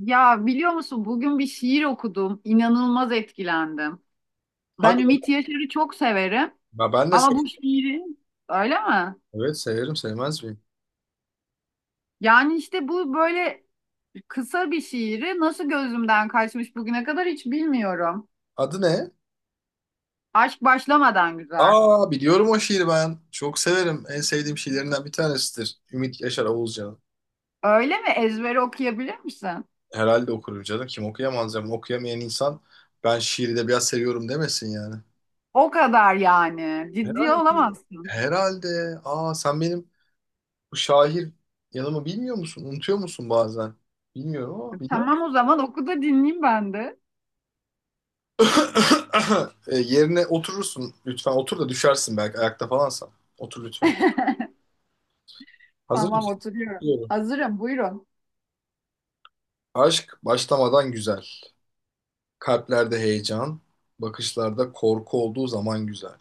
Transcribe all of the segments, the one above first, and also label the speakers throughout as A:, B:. A: Ya biliyor musun bugün bir şiir okudum. İnanılmaz etkilendim. Ben
B: Hadi.
A: Ümit Yaşar'ı çok severim
B: Ya ben de
A: ama bu
B: severim.
A: şiiri öyle mi?
B: Evet severim sevmez miyim?
A: Yani işte bu böyle kısa bir şiiri nasıl gözümden kaçmış bugüne kadar hiç bilmiyorum.
B: Adı ne?
A: Aşk başlamadan güzel.
B: Aa biliyorum o şiiri ben. Çok severim. En sevdiğim şiirlerinden bir tanesidir. Ümit Yaşar Oğuzcan'ın.
A: Öyle mi? Ezbere okuyabilir misin?
B: Herhalde okurum canım. Kim okuyamaz canım. Okuyamayan insan ben şiiri de biraz seviyorum demesin yani.
A: O kadar yani. Ciddi
B: Herhalde.
A: olamazsın.
B: Herhalde. Aa sen benim bu şair yanımı bilmiyor musun? Unutuyor musun bazen? Bilmiyorum ama biliyor
A: Tamam
B: musun?
A: o zaman oku da dinleyeyim ben de.
B: Yerine oturursun. Lütfen otur da düşersin belki ayakta falansan. Otur lütfen. Hazır
A: Tamam
B: mısın?
A: oturuyorum.
B: Bekliyorum.
A: Hazırım buyurun.
B: Aşk başlamadan güzel. Kalplerde heyecan, bakışlarda korku olduğu zaman güzel.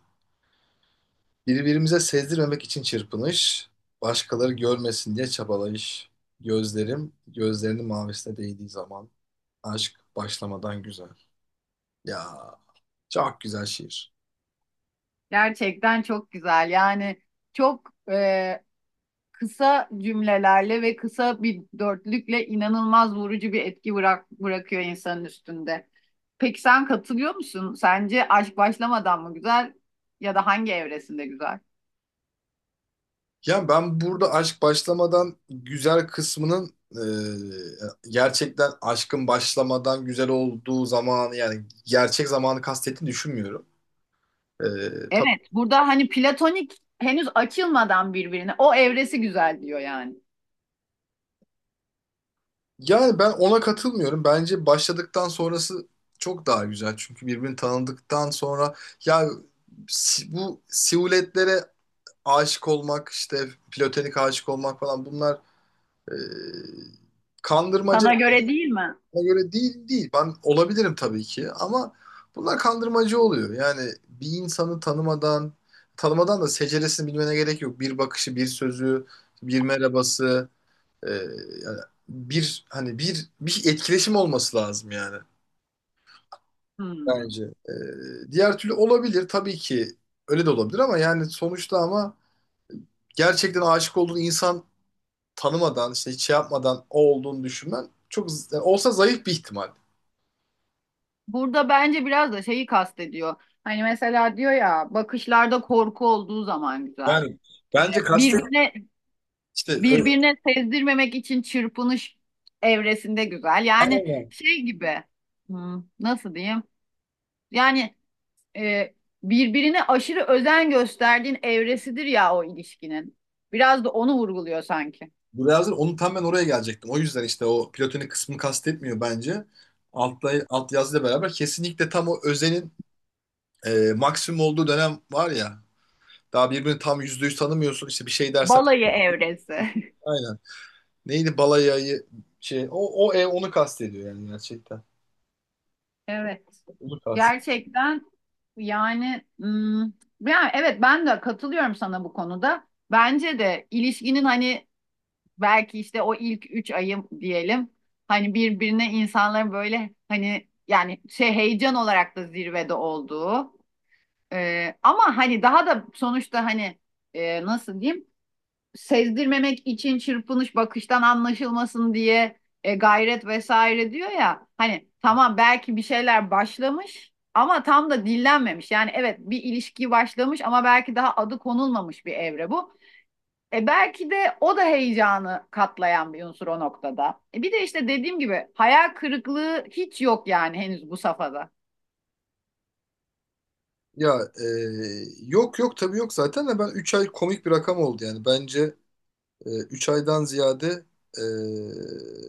B: Birbirimize sezdirmemek için çırpınış, başkaları görmesin diye çabalayış. Gözlerim, gözlerinin mavisine değdiği zaman aşk başlamadan güzel. Ya çok güzel şiir.
A: Gerçekten çok güzel. Yani çok kısa cümlelerle ve kısa bir dörtlükle inanılmaz vurucu bir etki bırakıyor insanın üstünde. Peki sen katılıyor musun? Sence aşk başlamadan mı güzel ya da hangi evresinde güzel?
B: Ya ben burada aşk başlamadan güzel kısmının gerçekten aşkın başlamadan güzel olduğu zamanı yani gerçek zamanı kastettiğini düşünmüyorum. E, tabii.
A: Evet, burada hani platonik henüz açılmadan birbirine o evresi güzel diyor yani.
B: Yani ben ona katılmıyorum. Bence başladıktan sonrası çok daha güzel. Çünkü birbirini tanıdıktan sonra ya bu siluetlere aşık olmak işte platonik aşık olmak falan bunlar e, kandırmaca.
A: Sana göre değil mi?
B: Bana göre değil değil. Ben olabilirim tabii ki ama bunlar kandırmacı oluyor. Yani bir insanı tanımadan tanımadan da seceresini bilmene gerek yok. Bir bakışı, bir sözü, bir merhabası. Ee, yani bir hani bir etkileşim olması lazım yani
A: Hmm.
B: bence. Diğer türlü olabilir tabii ki öyle de olabilir ama yani sonuçta ama gerçekten aşık olduğun insan tanımadan işte hiç şey yapmadan o olduğunu düşünmen çok yani olsa zayıf bir ihtimal.
A: Burada bence biraz da şeyi kastediyor. Hani mesela diyor ya bakışlarda korku olduğu zaman güzel.
B: Yani
A: Ee,
B: bence
A: Birbirine
B: işte öyle,
A: birbirine sezdirmemek için çırpınış evresinde güzel. Yani
B: aynen.
A: şey gibi nasıl diyeyim? Yani e, birbirine aşırı özen gösterdiğin evresidir ya o ilişkinin. Biraz da onu vurguluyor sanki.
B: Bu lazım. Onu tam ben oraya gelecektim. O yüzden işte o platonik kısmını kastetmiyor bence. Alt yazıyla beraber kesinlikle tam o özenin maksimum olduğu dönem var ya. Daha birbirini tam %100 tanımıyorsun. İşte bir şey dersen
A: Balayı evresi.
B: aynen. Neydi balayayı şey o ev onu kastediyor yani gerçekten.
A: Evet.
B: Onu kast.
A: Gerçekten yani yani evet ben de katılıyorum sana bu konuda. Bence de ilişkinin hani belki işte o ilk 3 ayım diyelim hani birbirine insanların böyle hani yani şey heyecan olarak da zirvede olduğu. Ama hani daha da sonuçta hani nasıl diyeyim sezdirmemek için çırpınış bakıştan anlaşılmasın diye gayret vesaire diyor ya hani tamam belki bir şeyler başlamış ama tam da dillenmemiş yani evet bir ilişki başlamış ama belki daha adı konulmamış bir evre bu. E belki de o da heyecanı katlayan bir unsur o noktada. E bir de işte dediğim gibi hayal kırıklığı hiç yok yani henüz bu safhada.
B: Ya yok yok tabii yok zaten de ben 3 ay komik bir rakam oldu yani. Bence 3 aydan ziyade e,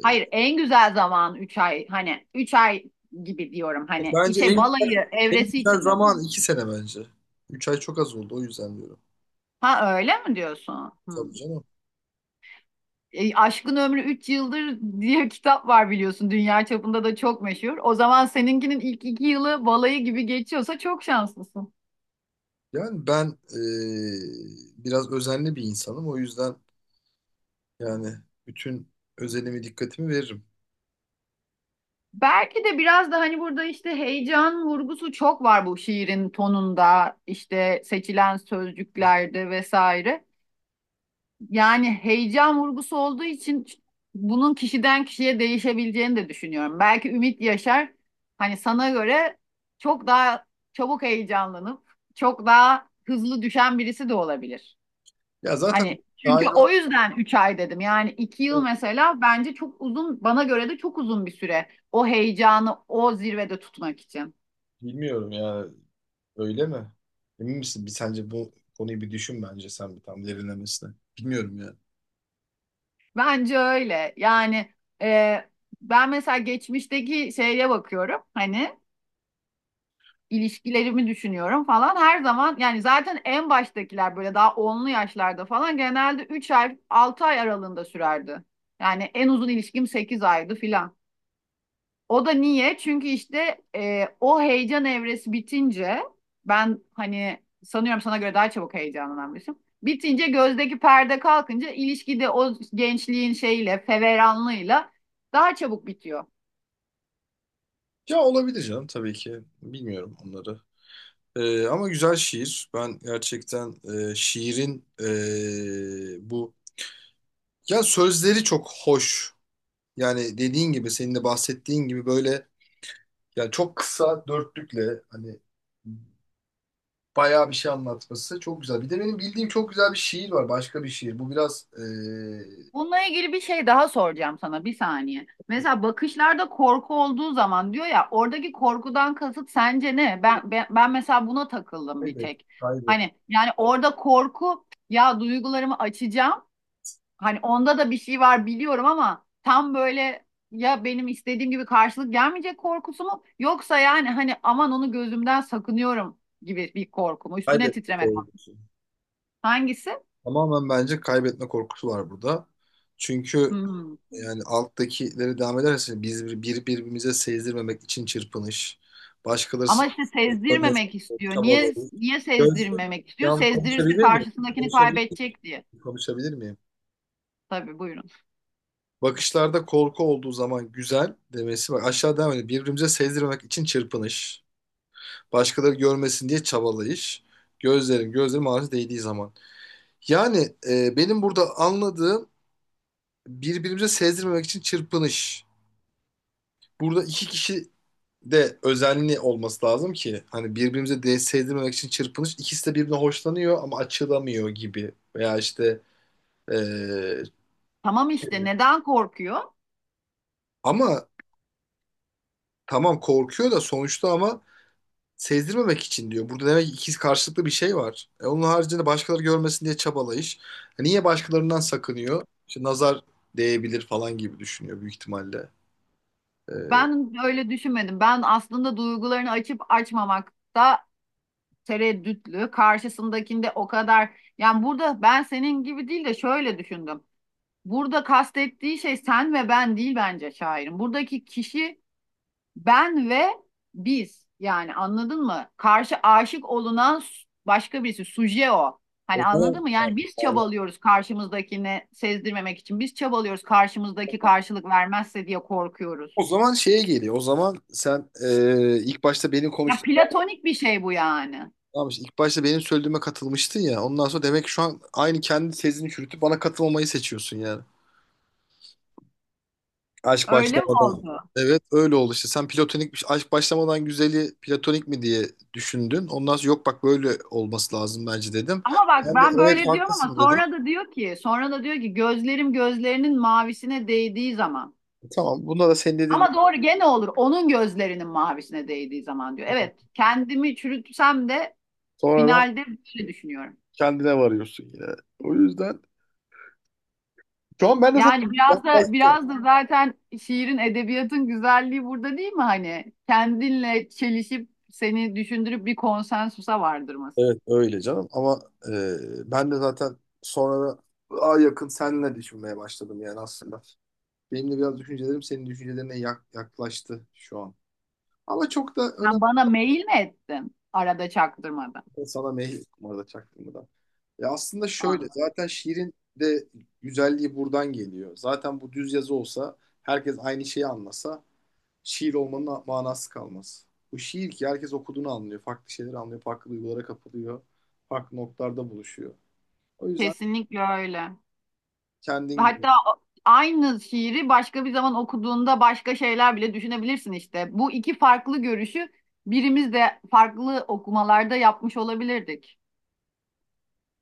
A: Hayır en güzel zaman 3 ay, hani 3 ay gibi diyorum, hani
B: bence en,
A: içe balayı
B: en
A: evresi
B: güzel
A: için dedim
B: zaman
A: onu.
B: 2 sene bence. 3 ay çok az oldu o yüzden diyorum.
A: Ha öyle mi diyorsun? Hmm.
B: Tabii canım.
A: E, Aşkın Ömrü 3 Yıldır diye bir kitap var biliyorsun, dünya çapında da çok meşhur. O zaman seninkinin ilk 2 yılı balayı gibi geçiyorsa çok şanslısın.
B: Yani ben biraz özenli bir insanım. O yüzden yani bütün özenimi dikkatimi veririm.
A: Belki de biraz da hani burada işte heyecan vurgusu çok var bu şiirin tonunda, işte seçilen sözcüklerde vesaire. Yani heyecan vurgusu olduğu için bunun kişiden kişiye değişebileceğini de düşünüyorum. Belki Ümit Yaşar hani sana göre çok daha çabuk heyecanlanıp çok daha hızlı düşen birisi de olabilir.
B: Ya zaten
A: Hani çünkü
B: dair
A: o yüzden 3 ay dedim. Yani 2 yıl
B: olmuyor.
A: mesela bence çok uzun, bana göre de çok uzun bir süre. O heyecanı o zirvede tutmak için.
B: Bilmiyorum ya, öyle mi? Emin misin? Bir sence bu konuyu bir düşün bence sen bir tam derinlemesine. Bilmiyorum ya.
A: Bence öyle. Yani e, ben mesela geçmişteki şeye bakıyorum. Hani ilişkilerimi düşünüyorum falan. Her zaman yani zaten en baştakiler böyle daha onlu yaşlarda falan genelde 3 ay 6 ay aralığında sürerdi. Yani en uzun ilişkim 8 aydı filan. O da niye? Çünkü işte o heyecan evresi bitince ben hani sanıyorum sana göre daha çabuk heyecanlanan birisiyim. Bitince gözdeki perde kalkınca ilişkide o gençliğin şeyle, feveranlığıyla daha çabuk bitiyor.
B: Ya olabilir canım tabii ki. Bilmiyorum onları. Ama güzel şiir. Ben gerçekten şiirin bu ya sözleri çok hoş. Yani dediğin gibi senin de bahsettiğin gibi böyle yani çok kısa dörtlükle hani bayağı bir şey anlatması. Çok güzel. Bir de benim bildiğim çok güzel bir şiir var. Başka bir şiir. Bu biraz
A: Bununla ilgili bir şey daha soracağım sana bir saniye. Mesela bakışlarda korku olduğu zaman diyor ya, oradaki korkudan kasıt sence ne? Ben mesela buna takıldım bir
B: kaybet,
A: tek.
B: kaybet,
A: Hani yani orada korku, ya duygularımı açacağım. Hani onda da bir şey var biliyorum ama tam böyle ya benim istediğim gibi karşılık gelmeyecek korkusu mu yoksa yani hani aman onu gözümden sakınıyorum gibi bir korku mu? Üstüne
B: kaybetme
A: titremek mi?
B: korkusu.
A: Hangisi?
B: Tamamen bence kaybetme korkusu var burada. Çünkü
A: Hmm.
B: yani alttakileri devam ederse biz birbirimize sezdirmemek için çırpınış, başkaları
A: Ama işte
B: görmesin
A: sezdirmemek istiyor. Niye
B: çabaları.
A: niye
B: Gözde,
A: sezdirmemek istiyor?
B: yalnız
A: Sezdirirse
B: konuşabilir miyim?
A: karşısındakini
B: Konuşabilir miyim?
A: kaybedecek diye.
B: Konuşabilir miyim?
A: Tabii buyurun.
B: Bakışlarda korku olduğu zaman güzel demesi. Bak aşağı devam ediyor. Birbirimize sezdirmek için çırpınış. Başkaları görmesin diye çabalayış. Gözlerin ağzı değdiği zaman. Yani benim burada anladığım birbirimize sezdirmemek için çırpınış. Burada iki kişi de özenli olması lazım ki hani birbirimize de sezdirmemek için çırpınış. İkisi de birbirine hoşlanıyor ama açılamıyor gibi. Veya işte e,
A: Tamam işte neden korkuyor?
B: ama tamam korkuyor da sonuçta ama sezdirmemek için diyor. Burada demek ki ikiz karşılıklı bir şey var. E onun haricinde başkaları görmesin diye çabalayış. E niye başkalarından sakınıyor? İşte nazar değebilir falan gibi düşünüyor büyük ihtimalle. E,
A: Ben öyle düşünmedim. Ben aslında duygularını açıp açmamakta tereddütlü. Karşısındakinde o kadar, yani burada ben senin gibi değil de şöyle düşündüm. Burada kastettiği şey sen ve ben değil bence şairin. Buradaki kişi ben ve biz. Yani anladın mı? Karşı aşık olunan başka birisi, suje o.
B: o
A: Hani
B: zaman
A: anladın mı? Yani biz çabalıyoruz karşımızdakini sezdirmemek için. Biz çabalıyoruz, karşımızdaki karşılık vermezse diye korkuyoruz.
B: o zaman şeye geliyor. O zaman sen ilk başta benim
A: Ya
B: konuştuğum
A: platonik bir şey bu yani.
B: anlamış. İlk başta benim söylediğime katılmıştın ya. Ondan sonra demek ki şu an aynı kendi tezini çürütüp bana katılmamayı seçiyorsun yani. Aşk
A: Öyle mi
B: başlamadan.
A: oldu?
B: Evet, öyle oldu işte. Sen platonik bir şey, aşk başlamadan güzeli platonik mi diye düşündün. Ondan sonra yok bak böyle olması lazım bence dedim.
A: Ama bak
B: Ben de
A: ben
B: evet
A: böyle diyorum ama
B: haklısın dedim.
A: sonra da diyor ki gözlerim gözlerinin mavisine değdiği zaman.
B: Tamam, bunda da senin dediğin
A: Ama doğru gene olur, onun gözlerinin mavisine değdiği zaman diyor. Evet kendimi çürütsem de
B: sonradan
A: finalde böyle düşünüyorum.
B: kendine varıyorsun yine. O yüzden şu an ben de zaten.
A: Yani biraz da zaten şiirin, edebiyatın güzelliği burada değil mi hani? Kendinle çelişip seni düşündürüp bir konsensusa vardırması.
B: Evet öyle canım ama ben de zaten sonra daha yakın seninle düşünmeye başladım yani aslında. Benim de biraz düşüncelerim senin düşüncelerine yaklaştı şu an. Ama çok da önemli.
A: Sen bana mail mi ettin arada çaktırmadan?
B: Sana meyil numarada çaktığımı da. Ya aslında şöyle
A: Anladım.
B: zaten şiirin de güzelliği buradan geliyor. Zaten bu düz yazı olsa herkes aynı şeyi anlasa şiir olmanın manası kalmaz. Bu şiir ki herkes okuduğunu anlıyor. Farklı şeyleri anlıyor. Farklı duygulara kapılıyor. Farklı noktalarda buluşuyor. O yüzden
A: Kesinlikle öyle.
B: kendin gibi.
A: Hatta aynı şiiri başka bir zaman okuduğunda başka şeyler bile düşünebilirsin işte. Bu iki farklı görüşü birimiz de farklı okumalarda yapmış olabilirdik.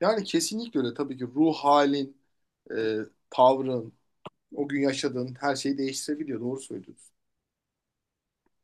B: Yani kesinlikle öyle. Tabii ki ruh halin, e, tavrın, o gün yaşadığın her şeyi değiştirebiliyor. Doğru söylüyorsun.